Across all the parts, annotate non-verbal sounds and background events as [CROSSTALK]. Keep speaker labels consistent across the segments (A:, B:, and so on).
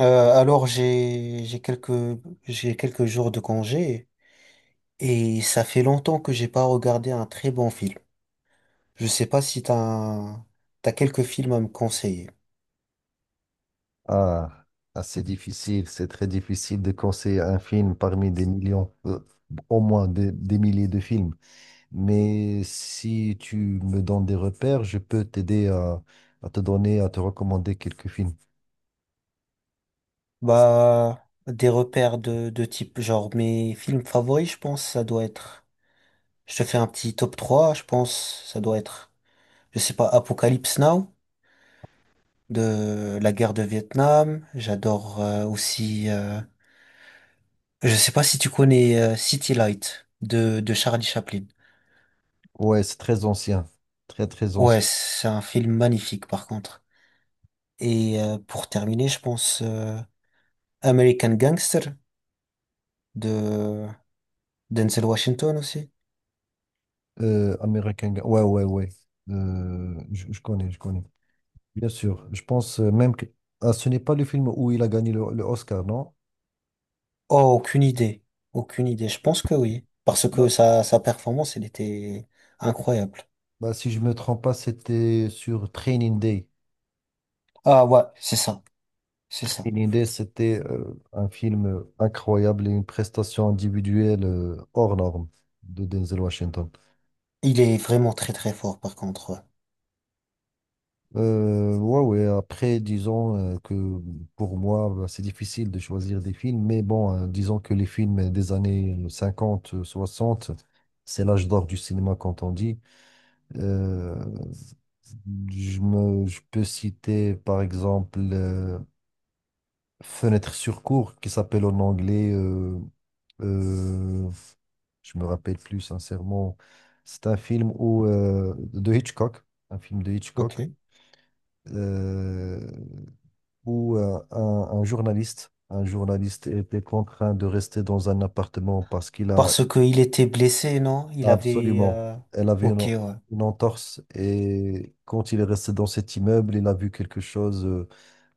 A: Alors j'ai quelques jours de congé et ça fait longtemps que j'ai pas regardé un très bon film. Je sais pas si t'as quelques films à me conseiller.
B: Ah, ah, c'est difficile, c'est très difficile de conseiller un film parmi des millions, au moins des milliers de films. Mais si tu me donnes des repères, je peux t'aider à te donner, à te recommander quelques films.
A: Bah des repères de type genre mes films favoris, je pense ça doit être. Je te fais un petit top 3. Je pense. Ça doit être, je sais pas, Apocalypse Now de la guerre de Vietnam. J'adore aussi. Je sais pas si tu connais City Light de Charlie Chaplin.
B: Ouais, c'est très ancien, très très
A: Ouais,
B: ancien.
A: c'est un film magnifique par contre. Et pour terminer, je pense American Gangster de Denzel Washington aussi.
B: Ouais, ouais, ouais. Je connais, je connais. Bien sûr, je pense même que ce n'est pas le film où il a gagné le Oscar, non?
A: Oh, aucune idée. Aucune idée. Je pense que oui. Parce que
B: Non.
A: sa performance, elle était incroyable.
B: Bah, si je me trompe pas, c'était sur Training Day.
A: Ah ouais, c'est ça. C'est ça.
B: Une idée, c'était un film incroyable et une prestation individuelle hors norme de Denzel Washington.
A: Il est vraiment très très fort par contre. Ouais.
B: Ouais, ouais, après, disons que pour moi, bah, c'est difficile de choisir des films, mais bon, disons que les films des années 50, 60, c'est l'âge d'or du cinéma, quand on dit. Euh, je peux citer, par exemple, Fenêtre sur cour qui s'appelle en anglais, euh, je me rappelle plus sincèrement, c'est un film où, de Hitchcock, un film de Hitchcock,
A: Ok.
B: euh, où un journaliste était contraint de rester dans un appartement parce qu'il a.
A: Parce que il était blessé, non? Il avait...
B: Absolument. Elle a vu
A: Ok, ouais.
B: une entorse et quand il est resté dans cet immeuble, il a vu quelque chose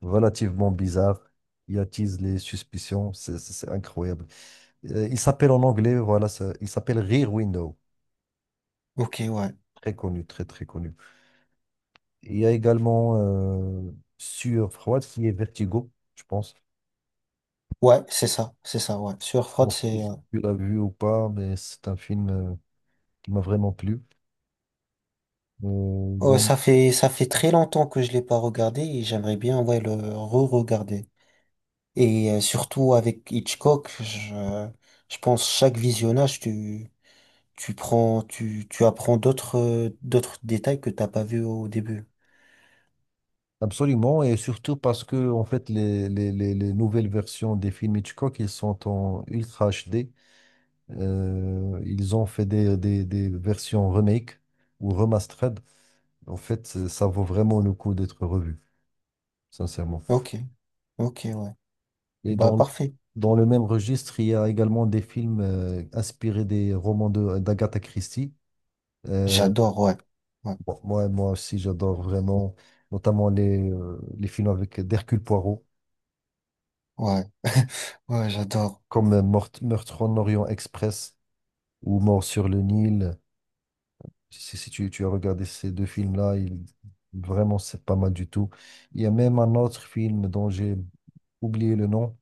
B: relativement bizarre. Il attise les suspicions. C'est incroyable. Il s'appelle en anglais, voilà, il s'appelle Rear Window.
A: Ok, ouais.
B: Très connu, très très connu. Il y a également euh, sur Froid qui est Vertigo, je pense. Je
A: Ouais, c'est ça. C'est ça, ouais. Sur Fraud,
B: pense que
A: c'est...
B: tu l'as vu ou pas, mais c'est un film qui m'a vraiment plu. Euh,
A: oh,
B: donc,
A: ça fait très longtemps que je l'ai pas regardé et j'aimerais bien ouais, le re-regarder. Et surtout avec Hitchcock, je pense chaque visionnage, tu... Tu prends, tu apprends d'autres, d'autres détails que t'as pas vu au début.
B: Absolument, et surtout parce que en fait les nouvelles versions des films Hitchcock, ils sont en Ultra HD. Ils ont fait des versions remake ou remastered. En fait, ça vaut vraiment le coup d'être revu, sincèrement.
A: Ok, ok, ouais.
B: Et
A: Bah, parfait.
B: dans le même registre, il y a également des films inspirés des romans d'Agatha Christie. Euh,
A: J'adore, ouais. Ouais,
B: bon, moi aussi, j'adore vraiment, notamment les films avec d'Hercule Poirot.
A: ouais. [LAUGHS] Ouais, j'adore.
B: Comme Meurtre en Orient Express ou Mort sur le Nil. Si tu as regardé ces deux films-là, vraiment, c'est pas mal du tout. Il y a même un autre film dont j'ai oublié le nom,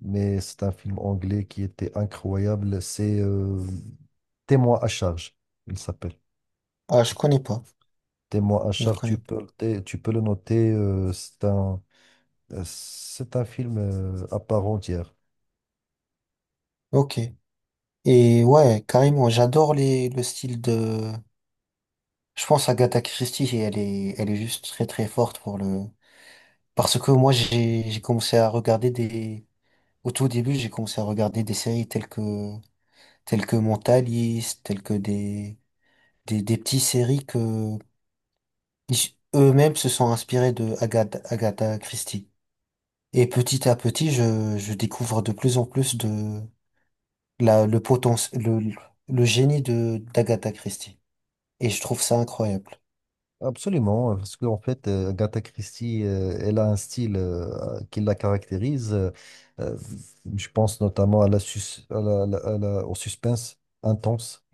B: mais c'est un film anglais qui était incroyable. C'est Témoin à charge, il s'appelle.
A: Ah, je
B: Tu-
A: connais pas.
B: Témoin à
A: Je
B: charge,
A: connais.
B: tu peux le noter. C'est un film à part entière.
A: Ok. Et ouais, carrément, j'adore le style de, je pense Agatha Christie, et elle est juste très très forte pour le, parce que j'ai commencé à regarder des, au tout début, j'ai commencé à regarder des séries telles que Mentaliste, telles que des petites séries que eux-mêmes se sont inspirés de Agatha Christie. Et petit à petit, je découvre de plus en plus de la, le potentiel, le génie de d'Agatha Christie. Et je trouve ça incroyable.
B: Absolument, parce qu'en fait, Agatha Christie, elle a un style qui la caractérise. Euh, je pense notamment à la sus- à la- à la- à la- au suspense intense.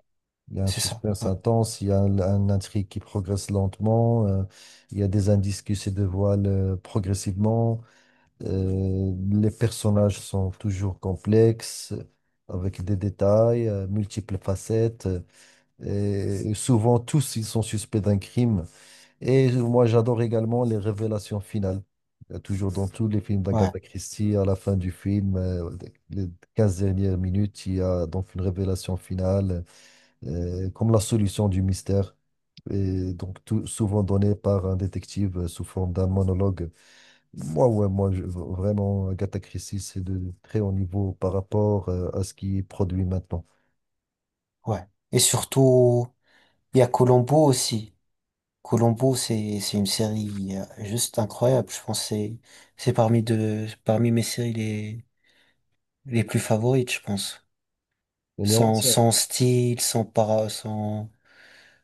B: Il y a un
A: C'est ça.
B: suspense
A: Ouais.
B: intense, il y a un intrigue qui progresse lentement, il y a des indices qui se dévoilent progressivement. Les personnages sont toujours complexes, avec des détails, multiples facettes, et souvent tous ils sont suspects d'un crime. Et moi j'adore également les révélations finales. Il y a toujours dans tous les films
A: Ouais.
B: d'Agatha Christie, à la fin du film, les 15 dernières minutes, il y a donc une révélation finale, comme la solution du mystère. Et donc tout, souvent donnée par un détective sous forme d'un monologue. Moi, ouais, vraiment, Agatha Christie, c'est de très haut niveau par rapport à ce qui est produit maintenant.
A: Ouais. Et surtout, il y a Columbo aussi. Columbo, c'est une série juste incroyable. Je pense que c'est parmi de, parmi mes séries les plus favorites, je pense.
B: Elle est
A: Sans,
B: ancienne.
A: sans style, sans para, sans,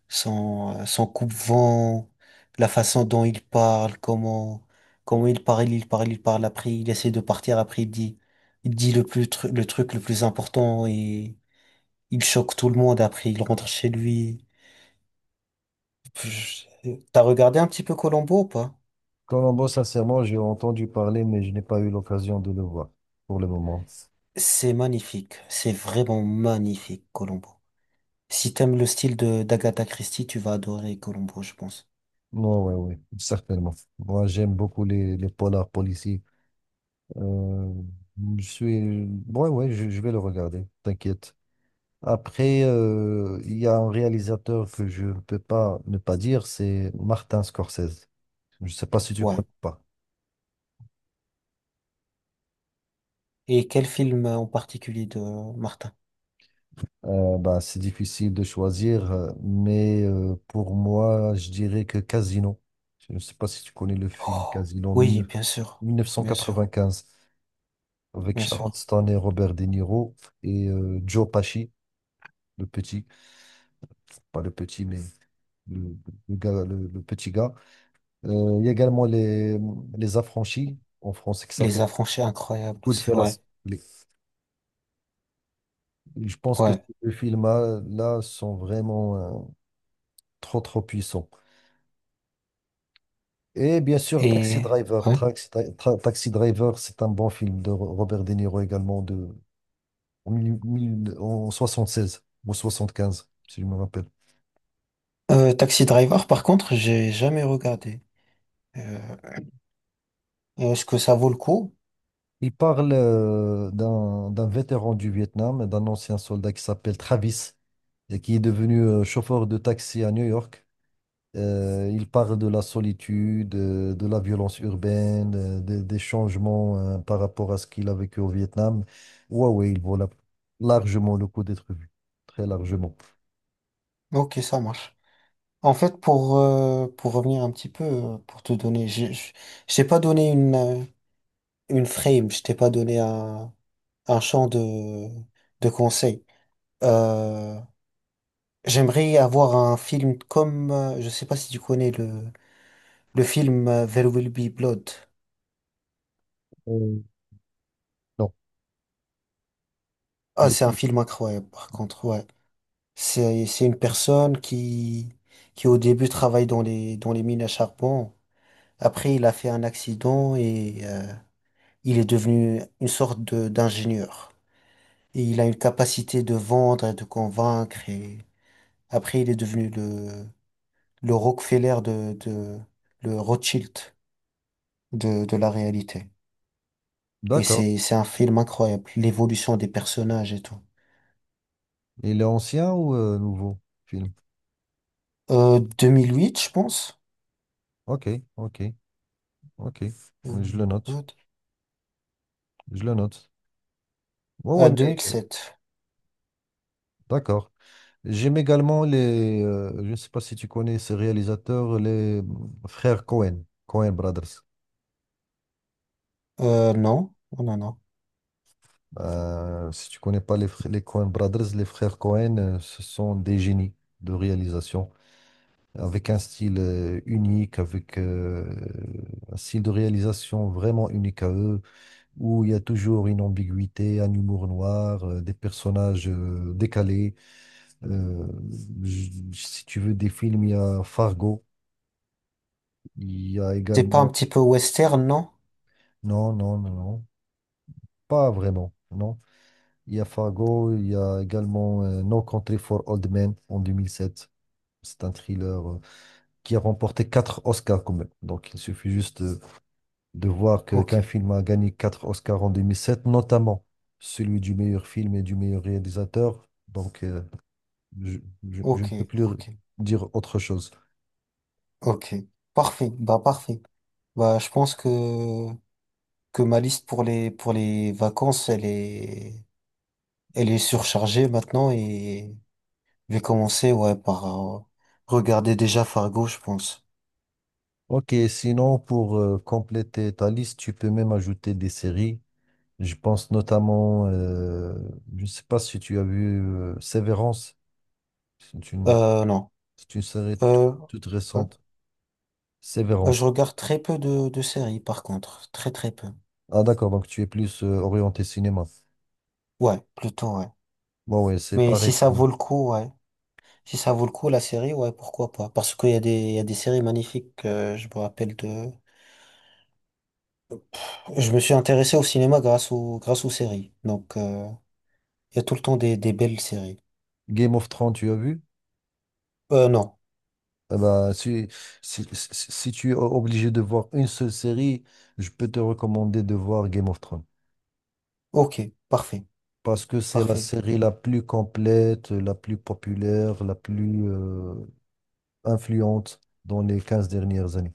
A: sans, sans coupe-vent, la façon dont il parle, comment, comment il parle, il parle, il parle, après il essaie de partir, après il dit le plus, le truc le plus important et il choque tout le monde, après il rentre chez lui. Je- T'as regardé un petit peu Colombo ou pas?
B: Colombo, sincèrement, j'ai entendu parler, mais je n'ai pas eu l'occasion de le voir pour le moment.
A: C'est magnifique, c'est vraiment magnifique, Colombo. Si t'aimes le style de d'Agatha Christie, tu vas adorer Colombo, je pense.
B: Non, ouais, ouais, certainement. Moi, j'aime beaucoup les polars policiers. Euh, je suis... Ouais, ouais, je vais le regarder, t'inquiète. Après, il y a un réalisateur que je ne peux pas ne pas dire, c'est Martin Scorsese. Je ne sais pas si tu
A: Ouais.
B: connais pas.
A: Et quel film en particulier de Martin?
B: Bah, c'est difficile de choisir, mais pour moi, je dirais que Casino. Je ne sais pas si tu connais le film
A: Oh,
B: Casino
A: oui, bien sûr, bien sûr,
B: 1995 avec
A: bien
B: Sharon
A: sûr.
B: Stone et Robert De Niro et Joe Pesci, le petit, pas le petit, mais le, le gars, le petit gars. Il y a également les Affranchis en français qui
A: Les
B: s'appelle
A: Affranchis, incroyables, aussi. Ouais,
B: Goodfellas. Les- Je pense que ces
A: ouais.
B: deux films-là là, sont vraiment trop, trop puissants. Et bien sûr, Taxi
A: Et
B: Driver.
A: ouais.
B: Taxi Driver, c'est un bon film de Robert De Niro également, de, en, mille- mille- en 76 ou 75, si je me rappelle.
A: Taxi Driver, par contre, j'ai jamais regardé. Euh, Est-ce que ça vaut le coup?
B: Il parle d'un vétéran du Vietnam, et d'un ancien soldat qui s'appelle Travis, et qui est devenu chauffeur de taxi à New York. Il parle de la solitude, de la violence urbaine, des changements par rapport à ce qu'il a vécu au Vietnam. Ouais, ouais, il vaut largement le coup d'être vu. Très largement.
A: Ok, ça marche. En fait, pour revenir un petit peu, pour te donner, je t'ai pas donné une frame, je t'ai pas donné un champ de conseils. Euh, J'aimerais avoir un film comme, je sais pas si tu connais le film There Will Be Blood.
B: Euh, non.
A: Ah, c'est un
B: D-
A: film incroyable, par contre, ouais. C'est une personne qui au début travaille dans dans les mines à charbon. Après, il a fait un accident et il est devenu une sorte de, d'ingénieur. Et il a une capacité de vendre et de convaincre et après, il est devenu le Rockefeller le Rothschild de la réalité. Et
B: D'accord.
A: c'est un film incroyable. L'évolution des personnages et tout.
B: Il est ancien ou nouveau film?
A: 2008, je pense.
B: Ok, ok, ok.
A: Euh,
B: Je le note.
A: what
B: Je le note. Ouais,
A: Ah,
B: ouais, mais
A: 2007.
B: d'accord. J'aime également les. Je ne sais pas si tu connais ces réalisateurs, les frères Cohen, Cohen Brothers.
A: Non. Oh, non, non.
B: Si tu connais pas les Coen Brothers, les frères Coen, ce sont des génies de réalisation, avec un style unique, avec un style de réalisation vraiment unique à eux, où il y a toujours une ambiguïté, un humour noir, des personnages décalés. Euh, Si tu veux des films, il y a Fargo, il y a
A: C'est pas un
B: également...
A: petit peu western, non?
B: Non, non, non, non, pas vraiment, non. Il y a Fargo, il y a également No Country for Old Men en 2007. C'est un thriller qui a remporté 4 Oscars quand même. Donc il suffit juste de voir
A: Ok.
B: qu'un film a gagné 4 Oscars en 2007, notamment celui du meilleur film et du meilleur réalisateur. Donc je, je ne
A: Ok.
B: peux plus
A: Ok.
B: dire autre chose.
A: Ok. Parfait. Bah, parfait. Bah, je pense que ma liste pour les vacances, elle est surchargée maintenant et je vais commencer, ouais, par euh, regarder déjà Fargo, je pense.
B: Ok, sinon pour compléter ta liste, tu peux même ajouter des séries. Je pense notamment, je ne sais pas si tu as vu Severance. C'est une
A: Non.
B: C'est une série
A: Euh,
B: toute
A: ouais.
B: récente.
A: Je
B: Sévérance.
A: regarde très peu de séries, par contre. Très, très peu.
B: Ah d'accord, donc tu es plus orienté cinéma.
A: Ouais, plutôt, ouais.
B: Bon ouais, c'est
A: Mais si
B: pareil
A: ça
B: pour moi.
A: vaut le coup, ouais. Si ça vaut le coup, la série, ouais, pourquoi pas. Parce qu'il y a des, il y a des séries magnifiques, je me rappelle de... Je me suis intéressé au cinéma grâce aux séries. Donc, il y a tout le temps des belles séries.
B: Game of Thrones, tu as vu?
A: Non.
B: Eh ben, si tu es obligé de voir une seule série, je peux te recommander de voir Game of Thrones.
A: Ok, parfait.
B: Parce que c'est la
A: Parfait.
B: série la plus complète, la plus populaire, la plus influente dans les 15 dernières années.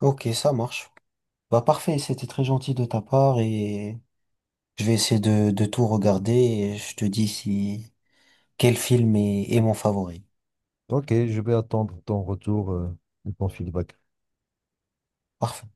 A: Ok, ça marche. Bah, parfait, c'était très gentil de ta part et je vais essayer de tout regarder et je te dis si quel film est est mon favori.
B: Ok, je vais attendre ton retour et ton feedback.
A: Parfait.